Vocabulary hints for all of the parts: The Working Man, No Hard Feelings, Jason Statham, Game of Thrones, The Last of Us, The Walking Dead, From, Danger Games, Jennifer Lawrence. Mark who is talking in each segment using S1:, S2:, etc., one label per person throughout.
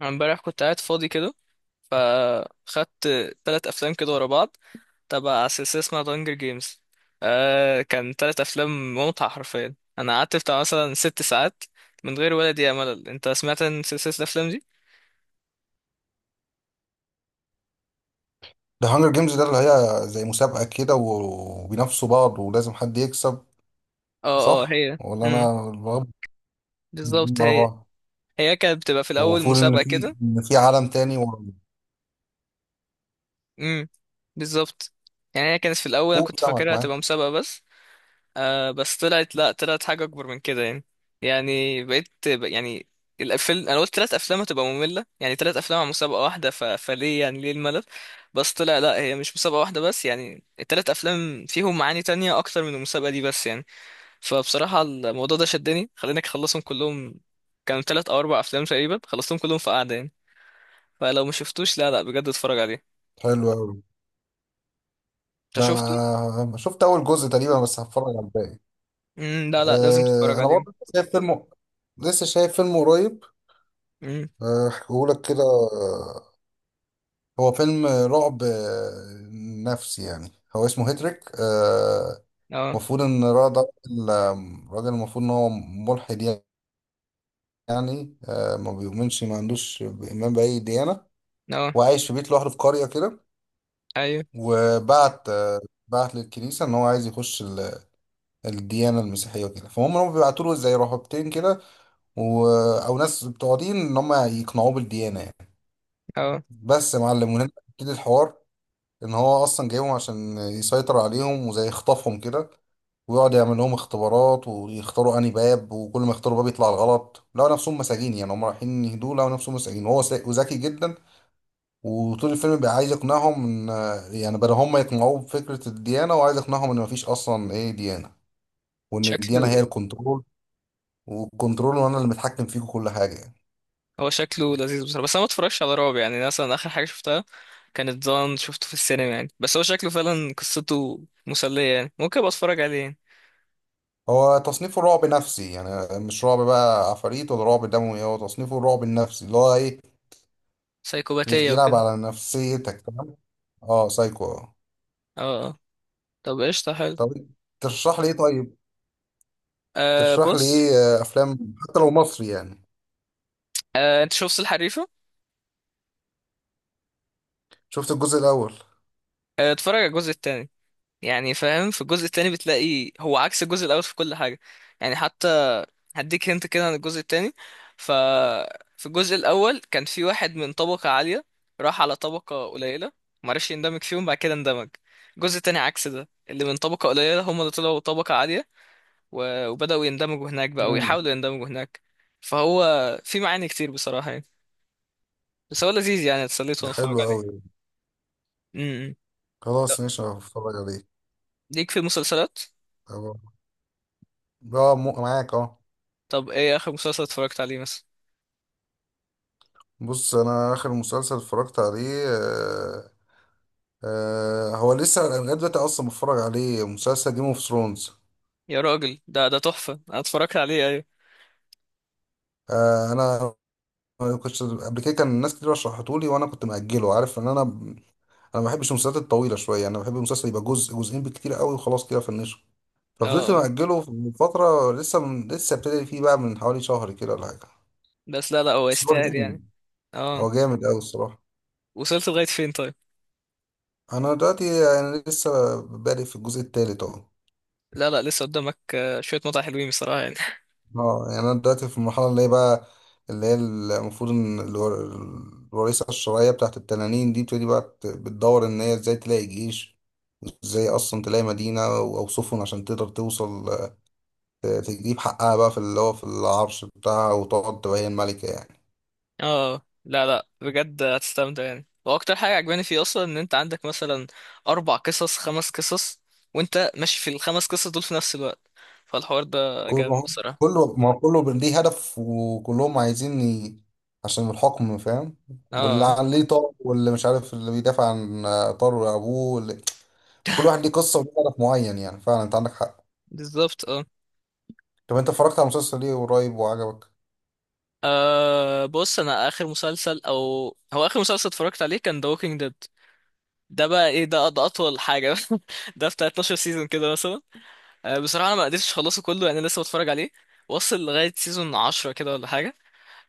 S1: أنا امبارح كنت قاعد فاضي كده، فخدت تلات أفلام كده ورا بعض، تبع سلسلة اسمها دانجر جيمز. كان تلات أفلام ممتعة، حرفيا أنا قعدت بتاع مثلا ست ساعات من غير ولا دقيقة ملل. أنت سمعت عن سلسلة الأفلام دي؟
S2: ده هانجر جيمز ده اللي هي زي مسابقة كده وبينافسوا بعض ولازم حد يكسب.
S1: اه، اه،
S2: صح
S1: هي
S2: ولا انا بغب
S1: بالظبط
S2: على
S1: هي.
S2: بعض؟
S1: هي كانت بتبقى في الأول
S2: ومفروض ان
S1: مسابقة
S2: في
S1: كده.
S2: ان في عالم تاني ورا.
S1: امم بالظبط. يعني هي كانت في الأول، أنا
S2: فوق
S1: كنت
S2: سمك
S1: فاكرها
S2: معاك.
S1: هتبقى مسابقة بس. بس طلعت، لا، طلعت حاجة أكبر من كده يعني. يعني بقيت يعني الأفلام، أنا قلت تلات أفلام هتبقى مملة، يعني تلات أفلام على مسابقة واحدة، ف... فليه يعني، ليه الملل؟ بس طلع لا، هي مش مسابقة واحدة بس، يعني التلات أفلام فيهم معاني تانية أكتر من المسابقة دي بس يعني. فبصراحة الموضوع ده شدني، خليني أخلصهم كلهم. كانوا تلات أو أربع أفلام تقريبا، خلصتهم كلهم في قعدة يعني. فلو ما شفتوش، لا لا بجد اتفرج عليه.
S2: حلو قوي.
S1: أنت
S2: ده
S1: شفته؟
S2: انا شفت اول جزء تقريبا بس هتفرج على الباقي.
S1: مم، لا لا لازم تتفرج
S2: أه انا برضه
S1: عليه.
S2: لسه شايف فيلم قريب.
S1: مم،
S2: هحكيهولك كده. هو فيلم رعب نفسي، يعني هو اسمه هيتريك.
S1: اه،
S2: المفروض ان الراجل ده راجل، المفروض ان هو ملحد، يعني ما بيؤمنش، ما عندوش ايمان باي ديانه،
S1: اه،
S2: وعايش في بيت لوحده في قريه كده.
S1: أيوه،
S2: وبعت آه، بعت للكنيسه ان هو عايز يخش الديانه المسيحيه وكده، فهم بيبعتوا له زي رهبتين كده، و... او ناس بتوع دين، ان هم يقنعوه بالديانه يعني.
S1: اه،
S2: بس يا معلم، وهنا بتبتدي الحوار، ان هو اصلا جايبهم عشان يسيطر عليهم وزي يخطفهم كده، ويقعد يعمل لهم اختبارات ويختاروا انهي باب، وكل ما يختاروا باب يطلع الغلط لقوا نفسهم مساجين. يعني هم رايحين يهدوا لقوا نفسهم مساجين، وهو وذكي جدا. وطول الفيلم بيبقى عايز يقنعهم ان، يعني بدل هم يقنعوه بفكرة الديانة، وعايز يقنعهم ان مفيش اصلا ايه ديانة، وان الديانة هي
S1: شكله
S2: الكنترول والكنترول، وانا اللي متحكم فيكم كل حاجة يعني.
S1: هو شكله لذيذ بصراحة، بس انا ما اتفرجش على رعب يعني. أنا مثلا اخر حاجة شفتها كانت ضان، شفته في السينما يعني، بس هو شكله فعلا قصته مسلية يعني، ممكن ابقى اتفرج عليه يعني.
S2: هو تصنيفه رعب نفسي، يعني مش رعب بقى عفاريت ولا رعب دموي، هو تصنيفه الرعب النفسي، اللي هو ايه،
S1: سايكوباتية
S2: يلعب
S1: وكده.
S2: على نفسيتك، تمام. اه سايكو اه.
S1: اه، آه. طب قشطة حلو.
S2: طب ترشح لي ايه؟ طيب ترشح لي
S1: بص.
S2: ايه افلام حتى لو مصري يعني.
S1: انت شفت الحريفة؟
S2: شفت الجزء الاول.
S1: آه، اتفرج على الجزء التاني. يعني فاهم، في الجزء التاني بتلاقي هو عكس الجزء الاول في كل حاجه يعني. حتى هديك، هنت كده عن الجزء التاني. ف في الجزء الاول كان في واحد من طبقه عاليه، راح على طبقه قليله، معرفش يندمج فيهم، بعد كده اندمج. الجزء التاني عكس ده، اللي من طبقه قليله هم اللي طلعوا طبقه عاليه، و... وبداوا يندمجوا هناك بقى،
S2: امم.
S1: ويحاولوا يندمجوا هناك. فهو في معاني كتير بصراحه يعني، بس هو لذيذ يعني، اتسليت
S2: ده
S1: وانا
S2: حلو
S1: اتفرج عليه.
S2: قوي.
S1: امم. طب،
S2: خلاص ماشي هتفرج عليه.
S1: ليك في المسلسلات؟
S2: طب- معاك اه.
S1: طب ايه اخر مسلسل اتفرجت عليه مثلا؟
S2: بص انا اخر مسلسل اتفرجت عليه هو لسه انا لغايه دلوقتي اصلا بتفرج عليه مسلسل جيم اوف ثرونز.
S1: يا راجل، ده تحفة، انا اتفرجت عليه ايوه.
S2: انا كنت قبل كده كان الناس كتير رشحتهولي، وانا كنت مأجله، عارف ان انا ما بحبش المسلسلات الطويله شويه. يعني انا بحب المسلسل يبقى جزء جزئين بالكتير قوي وخلاص كده فنشه.
S1: اه،
S2: ففضلت
S1: آه.
S2: مأجله من فتره، لسه ابتدي فيه بقى من حوالي شهر كده ولا حاجه.
S1: بس لا لا هو
S2: بس هو
S1: يستاهل
S2: جامد،
S1: يعني. اه.
S2: هو جامد قوي الصراحه.
S1: وصلت لغاية فين طيب؟
S2: انا دلوقتي يعني لسه بادئ في الجزء الثالث اهو.
S1: لا لا لسه قدامك. آه، شوية متعة حلوين بصراحة يعني.
S2: اه يعني انا دلوقتي في المرحله اللي هي المفروض ان الوريثه الشرعيه بتاعت التنانين دي بتبتدي بقى بتدور ان هي ازاي تلاقي جيش، ازاي اصلا تلاقي مدينه او سفن عشان تقدر توصل، تجيب حقها بقى في اللي هو في العرش بتاعها، وتقعد تبقى هي الملكة يعني.
S1: اه، لا لا بجد هتستمتع يعني، واكتر حاجة عجباني فيه اصلا ان انت عندك مثلا اربع قصص، خمس قصص، وانت ماشي في الخمس قصص دول في نفس الوقت، فالحوار ده
S2: كله
S1: جامد
S2: ما هو-
S1: بصراحة.
S2: كله ما هو كله ليه هدف، وكلهم عايزين عشان الحكم فاهم، واللي
S1: اه،
S2: عليه طار، واللي مش عارف، اللي بيدافع عن طار أبوه كل واحد ليه قصة وليه هدف معين، يعني فعلا أنت عندك حق.
S1: بالظبط اه.
S2: طب أنت اتفرجت على المسلسل ليه قريب وعجبك؟
S1: بص انا اخر مسلسل، او هو اخر مسلسل اتفرجت عليه كان The Walking Dead. ده بقى ايه، ده اطول حاجه. ده بتاع 12 سيزون كده مثلا. بصراحه انا ما قدرتش اخلصه كله يعني، لسه بتفرج عليه. واصل لغايه سيزون 10 كده ولا حاجه.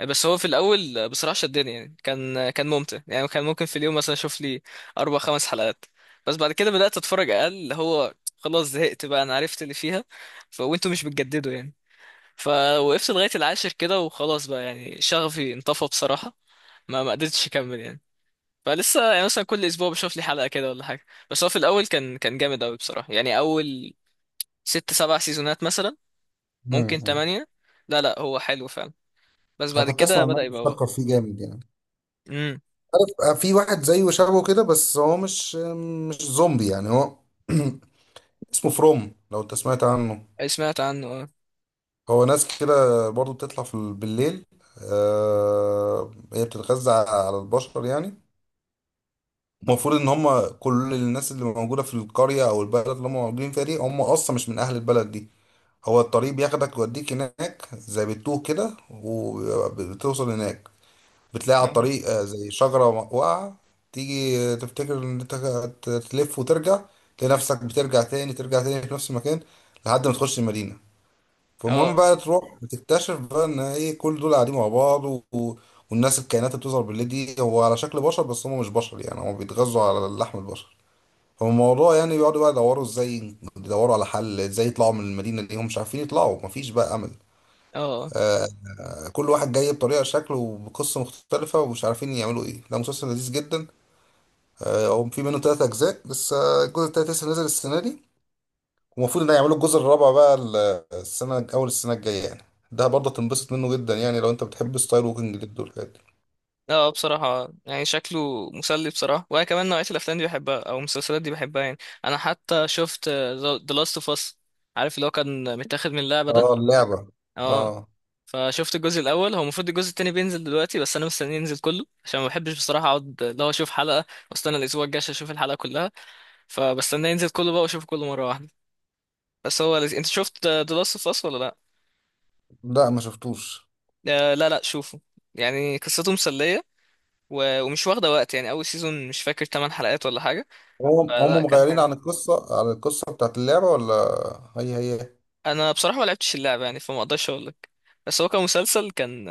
S1: بس هو في الاول بصراحه شدني يعني، كان ممتع يعني. كان ممكن في اليوم مثلا اشوف لي اربع خمس حلقات. بس بعد كده بدات اتفرج اقل، اللي هو خلاص زهقت بقى، انا عرفت اللي فيها. وانتوا مش بتجددوا يعني. فوقفت لغايه العاشر كده وخلاص بقى يعني، شغفي انطفى بصراحه، ما قدرتش اكمل يعني. فلسه يعني مثلا كل اسبوع بشوف لي حلقه كده ولا حاجه. بس هو في الاول كان جامد قوي بصراحه يعني، اول ست سبع سيزونات مثلا، ممكن
S2: امم.
S1: تمانية. لا لا هو حلو فعلا، بس
S2: أنا
S1: بعد
S2: كنت أسمع
S1: كده
S2: الناس
S1: بدأ يبقى هو.
S2: بتشكر فيه جامد يعني.
S1: امم.
S2: عارف، في واحد زيه شبهه كده، بس هو مش زومبي يعني، هو اسمه فروم، لو أنت سمعت عنه.
S1: سمعت عنه اه.
S2: هو ناس كده برضو بتطلع بالليل. آه هي بتتغذى على البشر يعني. المفروض ان هم كل الناس اللي موجوده في القريه او البلد اللي هم موجودين فيها دي، هم اصلا مش من اهل البلد دي. هو الطريق بياخدك يوديك هناك زي بتوه كده، وبتوصل هناك بتلاقي على الطريق زي شجره واقعه، تيجي تفتكر ان انت تلف وترجع، تلاقي نفسك بترجع تاني ترجع تاني في نفس المكان، لحد ما تخش المدينه. فالمهم
S1: اه،
S2: بقى تروح بتكتشف بقى ان ايه، كل دول قاعدين مع بعض والناس الكائنات اللي بتظهر بالليل دي، هو على شكل بشر بس هم مش بشر، يعني هم بيتغذوا على لحم البشر. فالموضوع يعني بيقعدوا بقى يدوروا، ازاي يدوروا على حل، ازاي يطلعوا من المدينة دي، هم مش عارفين يطلعوا، مفيش بقى امل.
S1: اه، اه.
S2: كل واحد جاي بطريقة شكله وبقصة مختلفة، ومش عارفين يعملوا ايه، ده مسلسل لذيذ جدا. هو في منه 3 اجزاء، لسه الجزء التالت لسه نازل السنة دي. ومفروض ان يعملوا الجزء الرابع بقى السنة الجاية يعني. ده برضه تنبسط منه جدا، يعني لو أنت بتحب ستايل ووكينج ديد والحاجات دي.
S1: بصراحة يعني شكله مسلي بصراحة، وأنا كمان نوعية الأفلام دي بحبها، أو المسلسلات دي بحبها يعني. أنا حتى شفت The Last of Us، عارف اللي هو كان متاخد من اللعبة ده.
S2: اه اللعبة.
S1: اه.
S2: اه.
S1: فشفت الجزء الاول، هو المفروض الجزء التاني بينزل دلوقتي، بس انا مستني ينزل كله عشان ما بحبش بصراحه اقعد اللي هو اشوف حلقه واستنى الاسبوع الجاي عشان اشوف الحلقه كلها. فبستنى ينزل كله بقى واشوفه كله مره واحده. بس هو لذيذ. انت شفت ذا لاست اوف اس ولا لا؟
S2: لا ما شفتوش.
S1: آه، لا لا شوفه. يعني قصته مسليه، و- ومش واخده وقت يعني، اول سيزون مش فاكر 8 حلقات ولا حاجه،
S2: هم
S1: فلا
S2: هم
S1: كان
S2: مغيرين
S1: حلو.
S2: عن القصة بتاعت اللعبة ولا؟ هي هي.
S1: انا بصراحه ما لعبتش اللعبه يعني، فما اقدرش اقول لك، بس هو كمسلسل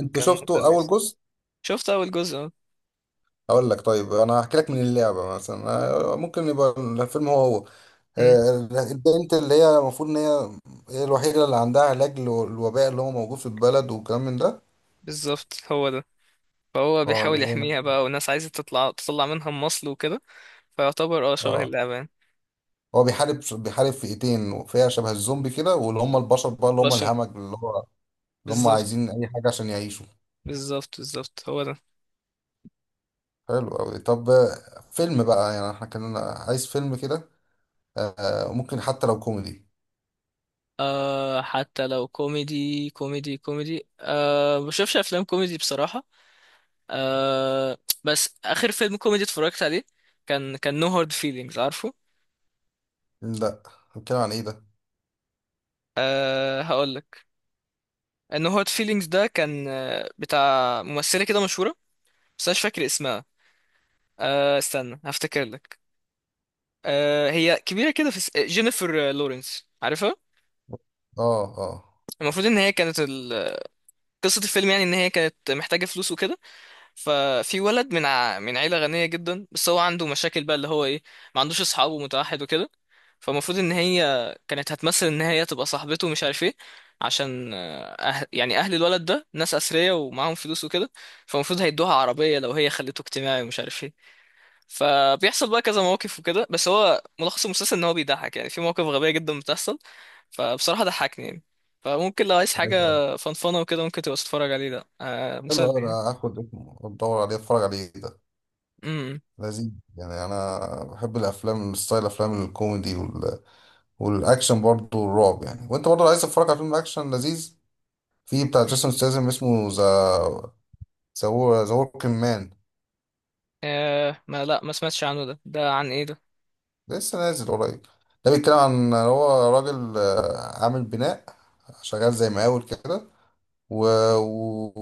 S2: أنت
S1: كان
S2: شفته
S1: مسلي.
S2: أول جزء؟
S1: شفت اول جزء اه.
S2: أقول لك طيب أنا هحكي لك من اللعبة مثلا. ممكن يبقى الفيلم هو هو.
S1: أمم،
S2: البنت اللي هي المفروض إن هي الوحيدة اللي عندها علاج للوباء اللي هو موجود في البلد والكلام من ده.
S1: بالظبط هو ده. فهو
S2: اه
S1: بيحاول
S2: هنا.
S1: يحميها بقى، والناس عايزة تطلع، تطلع منها مصل وكده. فيعتبر اه شبه
S2: اه.
S1: اللعبة.
S2: هو بيحارب فئتين، فئة شبه الزومبي كده، واللي هم البشر بقى، اللي هم
S1: بشر،
S2: الهمج، اللي هو اللي هم
S1: بالظبط،
S2: عايزين أي حاجة عشان يعيشوا.
S1: بالظبط، بالظبط، هو ده.
S2: حلو أوي. طب فيلم بقى، يعني احنا كان عايز فيلم كده، ممكن حتى لو كوميدي.
S1: آه، حتى لو كوميدي، كوميدي، كوميدي، بشوفش أفلام كوميدي بصراحة. آه. بس آخر فيلم كوميدي اتفرجت عليه كان No Hard Feelings، عارفه؟
S2: لا، بنتكلم عن ايه ده؟
S1: آه هقول لك. No Hard Feelings ده كان بتاع ممثلة كده مشهورة، بس أنا مش فاكر اسمها. آه استنى هفتكر لك. هي كبيرة كده في جينيفر لورنس، عارفها.
S2: اه اه.
S1: المفروض ان هي كانت قصة الفيلم يعني ان هي كانت محتاجة فلوس وكده. ففي ولد من من عيلة غنية جدا، بس هو عنده مشاكل بقى اللي هو ايه، ما عندوش اصحاب ومتوحد وكده. فالمفروض ان هي كانت هتمثل ان هي تبقى صاحبته ومش عارف ايه، عشان يعني اهل الولد ده ناس اثرياء ومعاهم فلوس وكده، فالمفروض هيدوها عربية لو هي خليته اجتماعي ومش عارف ايه. فبيحصل بقى كذا مواقف وكده، بس هو ملخص المسلسل ان هو بيضحك يعني، في مواقف غبية جدا بتحصل، فبصراحة ضحكني يعني، فممكن لو عايز
S2: أيوة، أيوة.
S1: حاجة فنفنة وكده ممكن تبقى تتفرج عليه، ده
S2: حلو أوي،
S1: مسلي
S2: أنا
S1: يعني.
S2: هاخد اسمه أدور عليه أتفرج عليه ده.
S1: امم.
S2: لذيذ يعني، أنا بحب الأفلام ستايل أفلام الكوميدي والأكشن برضه والرعب يعني. وأنت برضه لو عايز تتفرج على فيلم أكشن لذيذ، في بتاع جيسون ستاثام اسمه ذا وركينج مان،
S1: ما لا ما سمعتش عنه ده، ده عن ايه ده؟
S2: لسه نازل قريب. ده بيتكلم عن، هو راجل عامل بناء، شغال زي مقاول كده، و...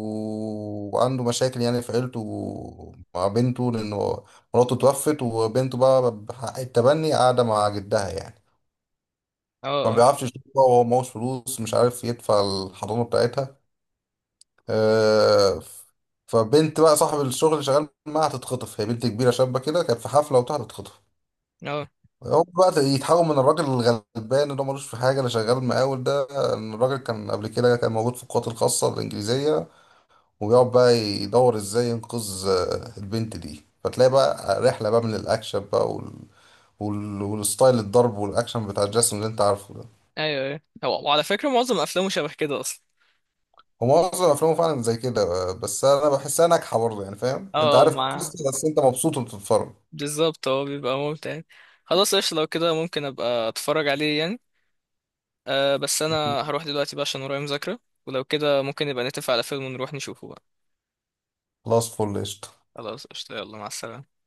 S2: وعنده مشاكل يعني في عيلته مع بنته، لأنه مراته توفت، وبنته بقى بحق التبني قاعدة مع جدها يعني.
S1: اه،
S2: فما
S1: اه،
S2: بيعرفش يشوفها، وهو معهوش فلوس، مش عارف يدفع الحضانة بتاعتها. آه، ف- فبنت بقى صاحب الشغل اللي شغال معاها هتتخطف، هي بنت كبيرة شابة كده، كانت في حفلة وبتاع هتتخطف.
S1: اه،
S2: هو بقى يتحول من الراجل الغلبان اللي هو ملوش في حاجة، اللي شغال مقاول ده، إن الراجل كان قبل كده كان موجود في القوات الخاصة الإنجليزية. ويقعد بقى يدور إزاي ينقذ البنت دي، فتلاقي بقى رحلة بقى من الأكشن بقى والستايل الضرب والأكشن بتاع جاسون اللي أنت عارفه ده.
S1: ايوه، ايوه، وعلى فكرة معظم افلامه شبه كده اصلا.
S2: هو معظم أفلامه فعلا زي كده. بس أنا بحسها ناجحة برضه، يعني فاهم، أنت
S1: اه،
S2: عارف
S1: مع،
S2: القصة بس أنت مبسوط وأنت بتتفرج.
S1: بالظبط هو بيبقى ممتع يعني. خلاص قشطة، لو كده ممكن ابقى اتفرج عليه يعني. أه بس انا هروح دلوقتي بقى عشان ورايا مذاكرة، ولو كده ممكن نبقى نتفق على فيلم ونروح نشوفه بقى.
S2: خلاص فل قشطة
S1: خلاص قشطة، يلا مع السلامة.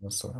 S2: بس.